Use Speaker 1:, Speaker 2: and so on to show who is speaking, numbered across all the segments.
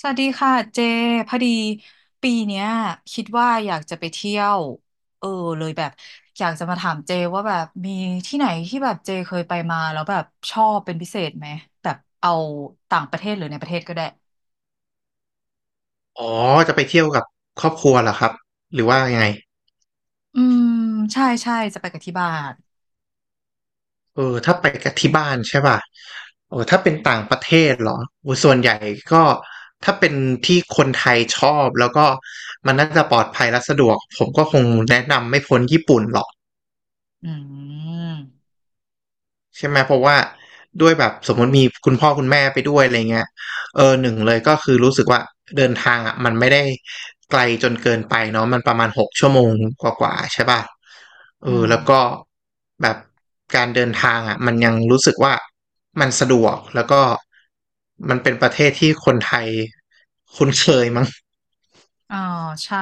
Speaker 1: สวัสดีค่ะเจพอดีปีเนี้ยคิดว่าอยากจะไปเที่ยวเออเลยแบบอยากจะมาถามเจว่าแบบมีที่ไหนที่แบบเจเคยไปมาแล้วแบบชอบเป็นพิเศษไหมแบบเอาต่างประเทศหรือในประเทศก็ได้
Speaker 2: อ๋อจะไปเที่ยวกับครอบครัวเหรอครับหรือว่ายังไง
Speaker 1: อืมใช่ใช่จะไปกับที่บ้าน
Speaker 2: เออถ้าไปกับที่บ้านใช่ป่ะโอ้ถ้าเป็นต่างประเทศเหรอโอ้ส่วนใหญ่ก็ถ้าเป็นที่คนไทยชอบแล้วก็มันน่าจะปลอดภัยและสะดวกผมก็คงแนะนำไม่พ้นญี่ปุ่นหรอก
Speaker 1: อืม
Speaker 2: ใช่ไหมเพราะว่าด้วยแบบสมมติมีคุณพ่อคุณแม่ไปด้วยอะไรเงี้ยเออหนึ่งเลยก็คือรู้สึกว่าเดินทางอ่ะมันไม่ได้ไกลจนเกินไปเนาะมันประมาณหกชั่วโมงกว่าๆใช่ป่ะเอ
Speaker 1: อื
Speaker 2: อ
Speaker 1: ม
Speaker 2: แล้วก็แบบการเดินทางอ่ะมันยังรู้สึกว่ามันสะดวกแล้วก็มันเป็นประเทศที่คนไทยคุ้นเคยมั้ง
Speaker 1: อ๋อใช่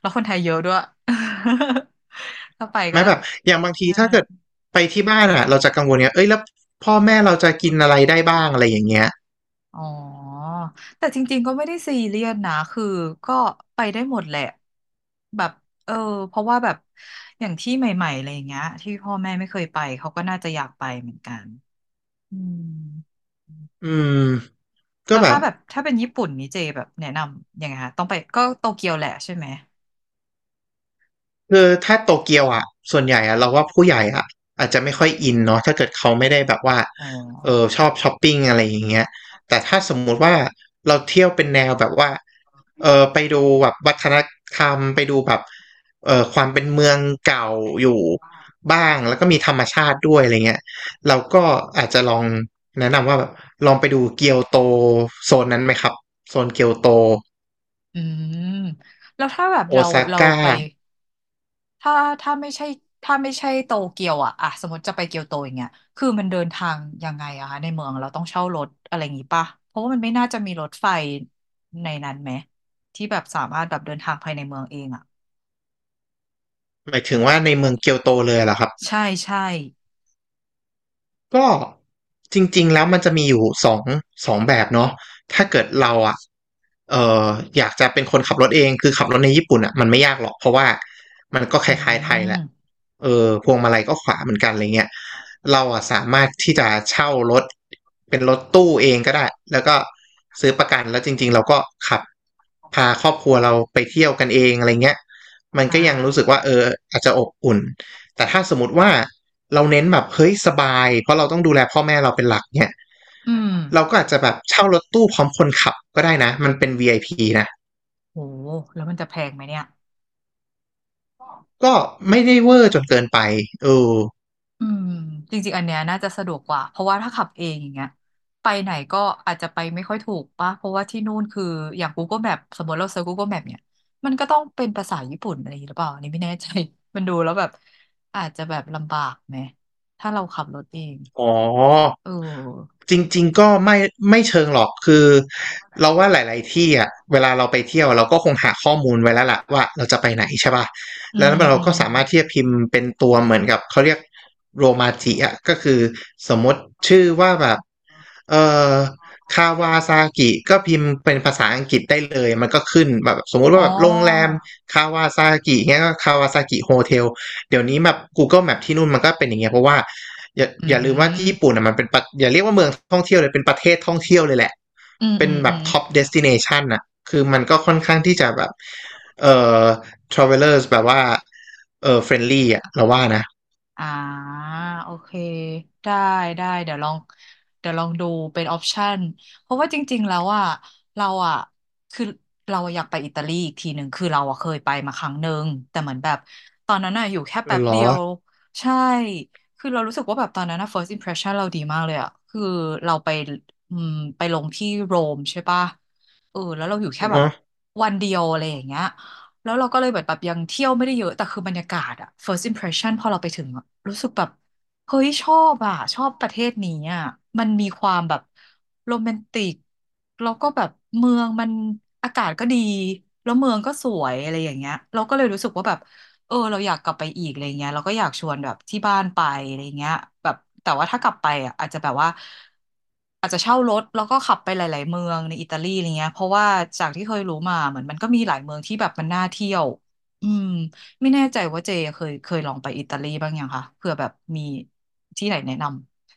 Speaker 1: แล้วคนไทยเยอะด้วย ถ้าไป
Speaker 2: ใช่ไหม
Speaker 1: ก็
Speaker 2: แบบอย่างบางที
Speaker 1: เออ
Speaker 2: ถ้าเกิดไปที่บ้านอ่ะเราจะกังวลเงี้ยเอ้ยแล้วพ่อแม่เราจะกินอะไรได้บ้างอะไรอย่างเงี้ย
Speaker 1: อ๋อ แต่จริงๆ ก็ไม่ได้ซีเรียสนะคือก็ไปได้หมดแหละ แบบเออเพราะว่าแบบ อย่างที่ใหม่ๆอะไรอย่างเงี้ยที่พ่อแม่ไม่เคยไปเขาก็น่าจะอยากไปเหมือนกันอืม
Speaker 2: อืมก็
Speaker 1: แล้ว
Speaker 2: แบ
Speaker 1: ถ้า
Speaker 2: บ
Speaker 1: แบบถ้าเป็นญี่ปุ่นนี่เจแบบแนะนำยังไงคะต้องไปก็โตเกียวแหละใช่ไหม
Speaker 2: คือถ้าโตเกียวอ่ะส่วนใหญ่อ่ะเราว่าผู้ใหญ่อ่ะอาจจะไม่ค่อยอินเนาะถ้าเกิดเขาไม่ได้แบบว่า
Speaker 1: อ๋
Speaker 2: เออ
Speaker 1: อ
Speaker 2: ชอบช้อปปิ้งอะไรอย่างเงี้ยแต่ถ้าสมมุติว่าเราเที่ยวเป็นแนวแบบว่าเออไปดูแบบวัฒนธรรมไปดูแบบเออความเป็นเมืองเก่าอยู่บ้างแล้วก็มีธรรมชาติด้วยอะไรเงี้ยเราก็อาจจะลองแนะนำว่าแบบลองไปดูเกียวโตโซนนั้นไหมครับโซนเกียวโต
Speaker 1: อืมแล้วถ้าแบบ
Speaker 2: โอ
Speaker 1: เรา
Speaker 2: ซา
Speaker 1: เรา
Speaker 2: ก้า
Speaker 1: ไป ถ้าถ้าไม่ใช่ถ้าไม่ใช่โตเกียวอะสมมติจะไปเกียวโตอย่างเงี้ยคือมันเดินทางยังไงอะคะในเมืองเราต้องเช่ารถอะไรอย่างงี้ป่ะเพราะว่ามันไม่น่าจะมีรถไฟในนั้นไหมที่แบบสามารถแบบเดินทางภายในเมืองเองอะ
Speaker 2: หมายถึงว่าในเมืองเกียวโตเลยเหรอครับ
Speaker 1: ใช่ใช่
Speaker 2: ก็จริงๆแล้วมันจะมีอยู่สองแบบเนาะถ้าเกิดเราอ่ะเอออยากจะเป็นคนขับรถเองคือขับรถในญี่ปุ่นอ่ะมันไม่ยากหรอกเพราะว่ามันก็ค
Speaker 1: อื
Speaker 2: ล้ายๆไทยแห
Speaker 1: ม
Speaker 2: ละเออพวงมาลัยก็ขวาเหมือนกันอะไรเงี้ยเราอ่ะสามารถที่จะเช่ารถเป็นรถตู้เองก็ได้แล้วก็ซื้อประกันแล้วจริงๆเราก็ขับพาครอบครัวเราไปเที่ยวกันเองอะไรเงี้ยมัน
Speaker 1: อ่
Speaker 2: ก็ยังรู้สึก
Speaker 1: า
Speaker 2: ว่าเอออาจจะอบอุ่น แต่ถ้าสมมติว่าเราเน้นแบบเฮ้ยสบายเพราะเราต้องดูแลพ่อแม่เราเป็นหลักเนี่ย
Speaker 1: อืม
Speaker 2: เราก็อาจจะแบบเช่ารถตู้พร้อมคนขับก็ได้นะมันเป็น VIP นะ
Speaker 1: โหแล้วมันจะแพงไหมเนี่ย
Speaker 2: ก็ไม่ได้เวอร์จนเกินไปเออ
Speaker 1: อืมจริงๆอันเนี้ยน่าจะสะดวกกว่าเพราะว่าถ้าขับเองอย่างเงี้ยไปไหนก็อาจจะไปไม่ค่อยถูกป่ะเพราะว่าที่นู่นคืออย่าง Google Map สมมติเราเซิร์ช Google Map เนี่ยมันก็ต้องเป็นภาษาญี่ปุ่นอะไรอย่างงี้หรือเปล่าอันนี้ไม่แน่ใจ มันดูแล้วแบบอาจจะแบบลำบากไหมถ้าเราขับรถเอง
Speaker 2: อ๋อ
Speaker 1: เออ
Speaker 2: จริงๆก็ไม่เชิงหรอกคือเราว่าหลายๆที่อ่ะเวลาเราไปเที่ยวเราก็คงหาข้อมูลไว้แล้วล่ะว่าเราจะไปไหนใช่ป่ะ
Speaker 1: อื
Speaker 2: แล้ว
Speaker 1: มอื
Speaker 2: เราก็
Speaker 1: ม
Speaker 2: สามารถที่จะพิมพ์เป็นตัวเหมือนกับเขาเรียกโรมาจิอ่ะก็คือสมมติชื่อว่าแบบเอ่อคาวาซากิก็พิมพ์เป็นภาษาอังกฤษได้เลยมันก็ขึ้นแบบสมมุติ
Speaker 1: อ๋
Speaker 2: ว่าแบบโรงแรม
Speaker 1: อ
Speaker 2: คาวาซากิเงี้ยก็คาวาซากิโฮเทล เดี๋ยวนี้แบบ Google Map ที่นู่นมันก็เป็นอย่างเงี้ยเพราะว่าอย่า
Speaker 1: อื
Speaker 2: อย่าลืมว่าที่ญี่
Speaker 1: ม
Speaker 2: ปุ่นอ่ะมันเป็นประอย่าเรียกว่าเมืองท่องเที่ยวเลยเป็นประเทศท่องเที่ยวเลยแหละ
Speaker 1: อืม
Speaker 2: เป็
Speaker 1: อื
Speaker 2: น
Speaker 1: ม
Speaker 2: แบ
Speaker 1: อื
Speaker 2: บ
Speaker 1: ม
Speaker 2: ท็อปเดสติเนชันอ่ะคือมันก็ค่อนข้างที่จะแบบเอ่อ travelers แบบว่าfriendly อ่ะเราว่านะ
Speaker 1: อ่าโอเคได้ได้เดี๋ยวลองเดี๋ยวลองดูเป็นออปชันเพราะว่าจริงๆแล้วอ่ะเราอ่ะคือเราอยากไปอิตาลีอีกทีหนึ่งคือเราอ่ะเคยไปมาครั้งหนึ่งแต่เหมือนแบบตอนนั้นอ่ะอยู่แค่
Speaker 2: เอ
Speaker 1: แป๊
Speaker 2: อ
Speaker 1: บ
Speaker 2: เหร
Speaker 1: เดี
Speaker 2: อ
Speaker 1: ยวใช่คือเรารู้สึกว่าแบบตอนนั้นอ่ะ first impression เราดีมากเลยอ่ะคือเราไปอืมไปลงที่โรมใช่ปะแล้วเราอยู่แค่แบบ
Speaker 2: อะ
Speaker 1: วันเดียวอะไรอย่างเงี้ย แล้วเราก็เลยแบบแบบยังเที่ยวไม่ได้เยอะแต่คือบรรยากาศอะ first impression พอเราไปถึงอะรู้สึกแบบเฮ้ยชอบอะชอบประเทศนี้อะมันมีความแบบโรแมนติกแล้วก็แบบเมืองมันอากาศก็ดีแล้วเมืองก็สวยอะไรอย่างเงี้ยเราก็เลยรู้สึกว่าแบบ เราอยากกลับไปอีกอะไรเงี้ยเราก็อยากชวนแบบที่บ้านไปอะไรเงี้ยแบบแต่ว่าถ้ากลับไปอ่ะอาจจะแบบว่าอาจจะเช่ารถแล้วก็ขับไปหลายๆเมืองในอิตาลีอะไรเงี้ยเพราะว่าจากที่เคยรู้มาเหมือนมันก็มีหลายเมืองที่แบบมันน่าเที่ยวอืมไม่แน่ใจว่าเจเคยลองไปอิตาลีบ้างยังคะเผื่อแบบมีที่ไหนแนะนำ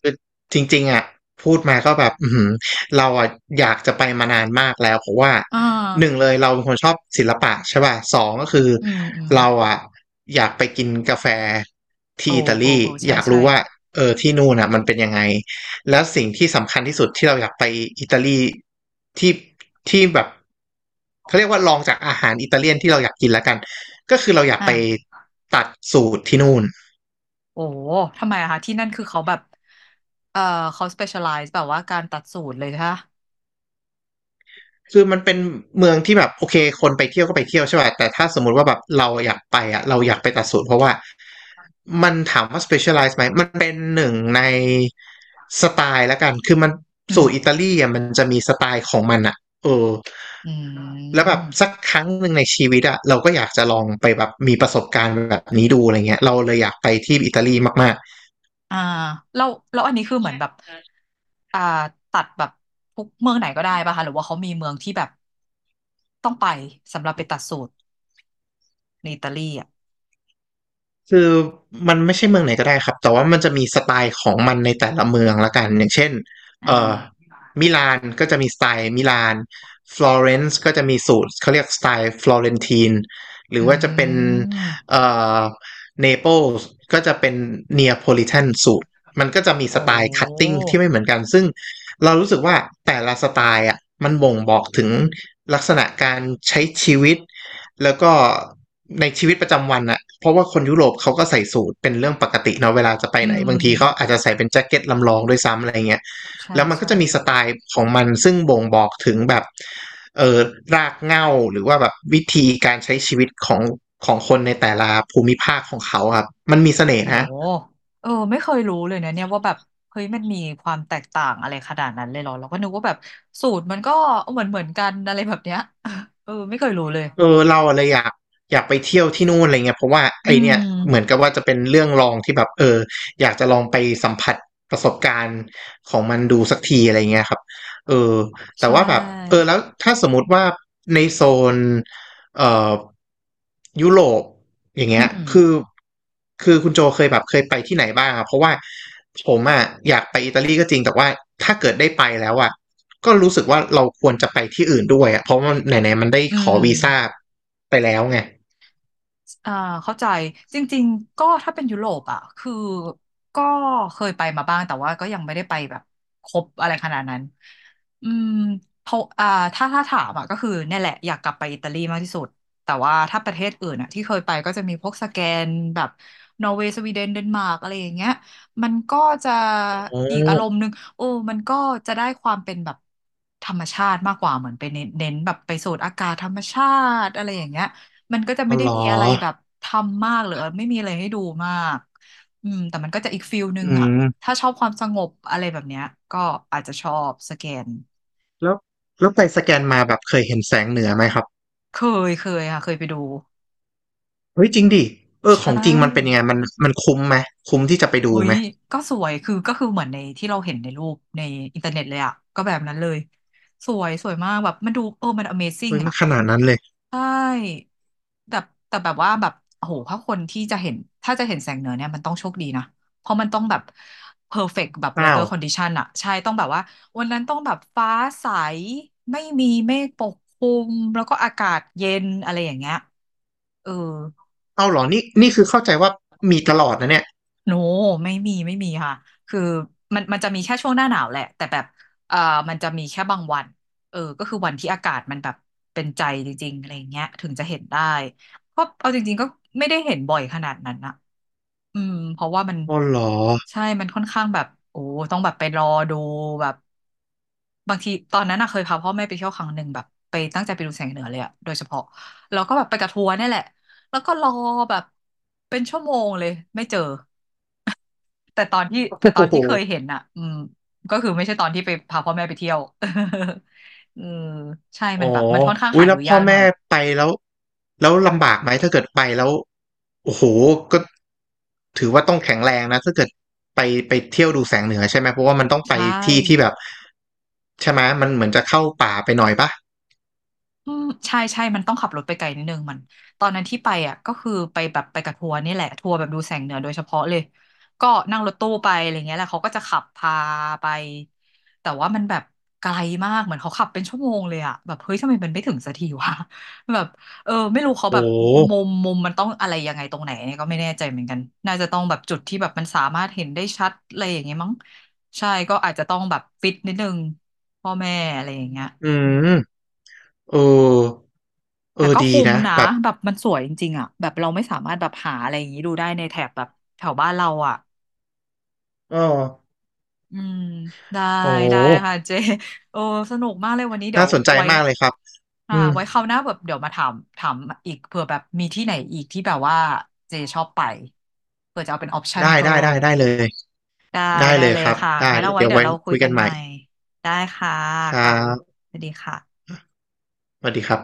Speaker 2: คือจริงๆอ่ะพูดมาก็แบบอือหือเราอ่ะอยากจะไปมานานมากแล้วเพราะว่า
Speaker 1: อ่า
Speaker 2: หนึ่งเลยเราเป็นคนชอบศิลปะใช่ป่ะสองก็คือ
Speaker 1: อืมอืม
Speaker 2: เราอ่ะอยากไปกินกาแฟ
Speaker 1: โอ้
Speaker 2: ที่อิตา
Speaker 1: โอ้
Speaker 2: ลี
Speaker 1: โอ้ใช่
Speaker 2: อยาก
Speaker 1: ใช่
Speaker 2: รู้ว่าเออที่นู่นอ่ะมันเป็นยังไงแล้วสิ่งที่สำคัญที่สุดที่เราอยากไปอิตาลีที่ที่แบบเขาเรียกว่าลองจากอาหารอิตาเลียนที่เราอยากกินแล้วกันก็คือเราอยาก
Speaker 1: อ่
Speaker 2: ไป
Speaker 1: า
Speaker 2: ตัดสูตรที่นู่น
Speaker 1: โอ้ทำไมอะคะที่นั่นคือเขาแบบเอ่อเขา specialize แบบว่าการตัดสูตรเลยค่ะ
Speaker 2: คือมันเป็นเมืองที่แบบโอเคคนไปเที่ยวก็ไปเที่ยวใช่ป่ะแต่ถ้าสมมุติว่าแบบเราอยากไปอ่ะเราอยากไปตัดสูตรเพราะว่ามันถามว่า specialize ไหมมันเป็นหนึ่งในสไตล์ละกันคือมัน
Speaker 1: อื
Speaker 2: สู
Speaker 1: ม
Speaker 2: ตรอิตาลีอ่ะมันจะมีสไตล์ของมันอ่ะเออ
Speaker 1: อื
Speaker 2: แล้วแบบสั
Speaker 1: ม
Speaker 2: กครั้งหนึ่งในชีวิตอ่ะเราก็อยากจะลองไปแบบมีประสบการณ์แบบนี้ดูอะไรเงี้ยเราเลยอยากไปที่อิตาลีมาก
Speaker 1: อ่าแล้วแล้วอันนี้คือเหมือนแบบอ่าตัดแบบทุกเมืองไหนก็ได้ป่ะคะหรือว่าเขามีเมืองที่แบบต้องไปสำหรับไปตัดสูตรในอิตาลีอ่ะ
Speaker 2: คือมันไม่ใช่เมืองไหนก็ได้ครับแต่ว่ามันจะมีสไตล์ของมันในแต่ละเมืองละกันอย่างเช่น
Speaker 1: อ่
Speaker 2: เอ่อ
Speaker 1: า
Speaker 2: มิลานก็จะมีสไตล์มิลานฟลอเรนซ์ก็จะมีสูตรเขาเรียกสไตล์ฟลอเรนทีนหรื
Speaker 1: อื
Speaker 2: อว่าจะเป็น
Speaker 1: ม
Speaker 2: เอ่อเนเปิลส์ก็จะเป็นเนียโพลิแทนสูตรมันก็จะมีส
Speaker 1: โอ้
Speaker 2: ไตล์คัตติ้งที่ไม่เหมือนกันซึ่งเรารู้สึกว่าแต่ละสไตล์อ่ะมันบ่งบอกถึงลักษณะการใช้ชีวิต แล้วก็ในชีวิตประจำวันอะเพราะว่าคนยุโรปเขาก็ใส่สูทเป็นเรื่องปกติเนาะเวลาจะไป
Speaker 1: อื
Speaker 2: ไหน
Speaker 1: ม
Speaker 2: บางทีเขาอาจจะใส่เป็นแจ็คเก็ตลำลองด้วยซ้ำอะไรเงี้ย
Speaker 1: ใช่
Speaker 2: แล้วมันก็
Speaker 1: ใช่
Speaker 2: จะมีสไตล์ของมันซึ่งบ่งบอกถึงแบบเออรากเหง้าหรือว่าแบบวิธีการใช้ชีวิตของคนในแต่ละภูมิภาคของเขาครับมันมีเสน่ห์
Speaker 1: โอ้
Speaker 2: นะ
Speaker 1: ไม่เคยรู้เลยนะเนี่ยว่าแบบเฮ้ยมันมีความแตกต่างอะไรขนาดนั้นเลยเหรอเราก็นึกว่าแบบสูตรมันก็เหมือนกันอะไรแบบเนี้ย ไม่เคยรู้เลย
Speaker 2: เออเราอะไรอยากอยากไปเที่ยวที่นู่นอะไรเงี้ยเพราะว่า
Speaker 1: อื
Speaker 2: ไอเนี่ย
Speaker 1: ม
Speaker 2: เหมือนกับว่าจะเป็นเรื่องลองที่แบบอยากจะลองไปสัมผัสประสบการณ์ของมันดูสักทีอะไรเงี้ยครับเออ
Speaker 1: ใช
Speaker 2: แต่ว่าแบบเออ
Speaker 1: ่
Speaker 2: แล้วถ้าสมมติว่าในโซนเอ่อยุโรปอย่าง
Speaker 1: อื
Speaker 2: เงี้ย
Speaker 1: ม
Speaker 2: คือคุณโจเคยแบบเคยไปที่ไหนบ้างอะเพราะว่าผมอะอยากไปอิตาลีก็จริงแต่ว่าถ้าเกิดได้ไปแล้วอะ ก็รู้สึกว่าเราควรจะไปที่อื่นด้วยอะเพราะมันไหนๆมันได้
Speaker 1: อื
Speaker 2: ขอ
Speaker 1: ม
Speaker 2: วีซ่าไปแล้วไง
Speaker 1: อ่าเข้าใจจริงๆก็ถ้าเป็นยุโรปอ่ะคือก็เคยไปมาบ้างแต่ว่าก็ยังไม่ได้ไปแบบครบอะไรขนาดนั้นอืมเพราะอ่าถ้าถามอ่ะก็คือเนี่ยแหละอยากกลับไปอิตาลีมากที่สุดแต่ว่าถ้าประเทศอื่นอ่ะที่เคยไปก็จะมีพวกสแกนแบบนอร์เวย์สวีเดนเดนมาร์กอะไรอย่างเงี้ยมันก็จะ
Speaker 2: โอ้
Speaker 1: อีกอารมณ์หนึ่งโอ้มันก็จะได้ความเป็นแบบธรรมชาติมากกว่าเหมือนไปเน้นแบบไปสูดอากาศธรรมชาติอะไรอย่างเงี้ย มันก็จะ
Speaker 2: อ๋
Speaker 1: ไม่
Speaker 2: อ
Speaker 1: ได้
Speaker 2: เหรอ
Speaker 1: มีอะไรแบบทำมากหรือไม่มีอะไรให้ดูมากอืมแต่มันก็จะอีกฟิลนึ
Speaker 2: อื
Speaker 1: งอ่ะ
Speaker 2: ม
Speaker 1: ถ้าชอบความสงบอะไรแบบเนี้ยก็อาจจะชอบสแกน
Speaker 2: แล้วแล้วไปสแกนมาแบบเคยเห็นแสงเหนือไหมครับ
Speaker 1: เคเคยค่ะเคยไปดู
Speaker 2: เฮ้ยจริงดิเออ
Speaker 1: ใช
Speaker 2: ของจริงมันเป็น
Speaker 1: ่
Speaker 2: ยังไงมันมันคุ้มไหมคุ้มที่จะไปดู
Speaker 1: โอ้ย
Speaker 2: ไหม
Speaker 1: ก็สวยคือก็คือเหมือนในที่เราเห็นในรูปในอินเทอร์เน็ตเลยอ่ะก็แบบนั้นเลยสวยสวยมากแบบมันดูเออมัน Amazing
Speaker 2: เฮ้ยมัน
Speaker 1: อ่ะ
Speaker 2: ขนาดนั้นเลย
Speaker 1: ใช่แต่แต่แบบว่าแบบโอ้โหถ้าคนที่จะเห็น ถ้าจะเห็นแสงเหนือเนี่ยมันต้องโชคดีนะ เพราะมันต้องแบบเพอร์เฟกต์แบบ
Speaker 2: อ้าว
Speaker 1: weather condition อะใช่ต้องแบบว่าวันนั้นต้องแบบ ฟ้าใส ไม่มีเมฆปกคลุม แล้วก็อากาศเย็นอะไรอย่างเงี้ยเออ
Speaker 2: เอ้าเหรอนี่คือเข้าใจว่ามีตลอดนะเนี่ย
Speaker 1: โนไม่มีไม่มีค่ะคือมันจะมีแค่ช่วงหน้าหนาวแหละแต่แบบเอ่อมันจะมีแค่บางวันเออก็คือวันที่อากาศมันแบบเป็นใจจริงๆอะไรอย่างเงี้ยถึงจะเห็นได้ก็เอาจริงๆก็ไม่ได้เห็นบ่อยขนาดนั้นนะอืมเพราะว่ามัน
Speaker 2: อ๋อเหรอ
Speaker 1: ใช่มันค่อนข้างแบบโอ้ต้องแบบไปรอดูแบบบางทีตอนนั้นอะเคยพาพ่อแม่ไปเที่ยวครั้งหนึ่งแบบไปตั้งใจไปดูแสงเหนือเลยอะโดยเฉพาะแล้วก็แบบไปกับทัวร์เนี่ยแหละแล้วก็รอแบบเป็นชั่วโมงเลยไม่เจอ แต่ตอนที่
Speaker 2: โอ
Speaker 1: แต่ตอน
Speaker 2: ้โห
Speaker 1: ที่เคยเห็นอ่ะอืมก็คือไม่ใช่ตอนที่ไปพาพ่อแม่ไปเที่ยว เออใช่
Speaker 2: อ๋อ
Speaker 1: มันแบบมันค่อนข้าง
Speaker 2: อุ้
Speaker 1: หา
Speaker 2: ยแล้
Speaker 1: ดู
Speaker 2: วพ่
Speaker 1: ยา
Speaker 2: อ
Speaker 1: กหน่
Speaker 2: แม่
Speaker 1: อย
Speaker 2: ไปแล้วแล้วลำบากไหมถ้าเกิดไปแล้วโอ้โหก็ถือว่าต้องแข็งแรงนะถ้าเกิดไปไปเที่ยวดูแสงเหนือใช่ไหมเพราะว่ามันต้องไป
Speaker 1: ใช่
Speaker 2: ที่ที่แบบใช่ไหมมันเหมือนจะเข้าป่าไปหน่อยปะ
Speaker 1: อืมใช่ใช่ มันต้องขับรถไปไกลนิดนึงมันตอนนั้นที่ไปอ่ะก็คือไปแบบไปกับทัวร์นี่แหละทัวร์แบบดูแสงเหนือโดยเฉพาะเลยก็นั่งรถตู้ไปอะไรเงี้ยแหละเขาก็จะขับพาไปแต่ว่ามันแบบไกลมากเหมือนเขาขับเป็นชั่วโมงเลยอ่ะแบบเฮ้ยทำไมมันไม่ถึงสักทีวะ แบบเออไม่รู้เขาแบ
Speaker 2: โอ้
Speaker 1: บมุมมันต้องอะไรยังไงตรงไหนเนี่ยก็ไม่แน่ใจเหมือนกันน่าจะต้องแบบจุดที่แบบมันสามารถเห็นได้ชัดอะไรอย่างเงี้ยมั้งใช่ก็อาจจะต้องแบบฟิตนิดนึงพ่อแม่อะไรอย่างเงี้ย
Speaker 2: อื
Speaker 1: เออ
Speaker 2: มเออเอ
Speaker 1: แต่
Speaker 2: อ
Speaker 1: ก็
Speaker 2: ดี
Speaker 1: คุ้ม
Speaker 2: นะ
Speaker 1: นะ
Speaker 2: แบบ
Speaker 1: แบบมันสวยจริงๆอ่ะแบบเราไม่สามารถแบบหาอะไรอย่างนี้ดูได้ในแถบแบบแถวบ้านเราอ่ะ
Speaker 2: เออ
Speaker 1: อืมได้
Speaker 2: โอ้
Speaker 1: ได้ค่ะเจโอ้สนุกมากเลยวันนี้เดี๋ย
Speaker 2: น่า
Speaker 1: ว
Speaker 2: สนใจ
Speaker 1: ไว้
Speaker 2: มากเลยครับ
Speaker 1: อ่า
Speaker 2: อืม
Speaker 1: ไว้คราวหน้าแบบเดี๋ยวมาถามอีกเผื่อแบบมีที่ไหนอีกที่แบบว่าเจชอบไปเผื่อจะเอาเป็นออปชัน
Speaker 2: ได้
Speaker 1: เพิ่
Speaker 2: ได้ได้
Speaker 1: ม
Speaker 2: ได้เลย
Speaker 1: ได้
Speaker 2: ได้
Speaker 1: ได้
Speaker 2: เลย
Speaker 1: เล
Speaker 2: ค
Speaker 1: ย
Speaker 2: รับ
Speaker 1: ค่ะ
Speaker 2: ได้
Speaker 1: งั้น
Speaker 2: แล้
Speaker 1: เอา
Speaker 2: ว
Speaker 1: ไว้
Speaker 2: เดี๋ยว
Speaker 1: เดี๋ย
Speaker 2: ไว้
Speaker 1: วเราคุย
Speaker 2: คุย
Speaker 1: กั
Speaker 2: กัน
Speaker 1: น
Speaker 2: ให
Speaker 1: ให
Speaker 2: ม่
Speaker 1: ม่ได้ค่ะ
Speaker 2: ครั
Speaker 1: ค่ะบ๊ายบาย
Speaker 2: บ
Speaker 1: สวัสดีค่ะ
Speaker 2: สวัสดีครับ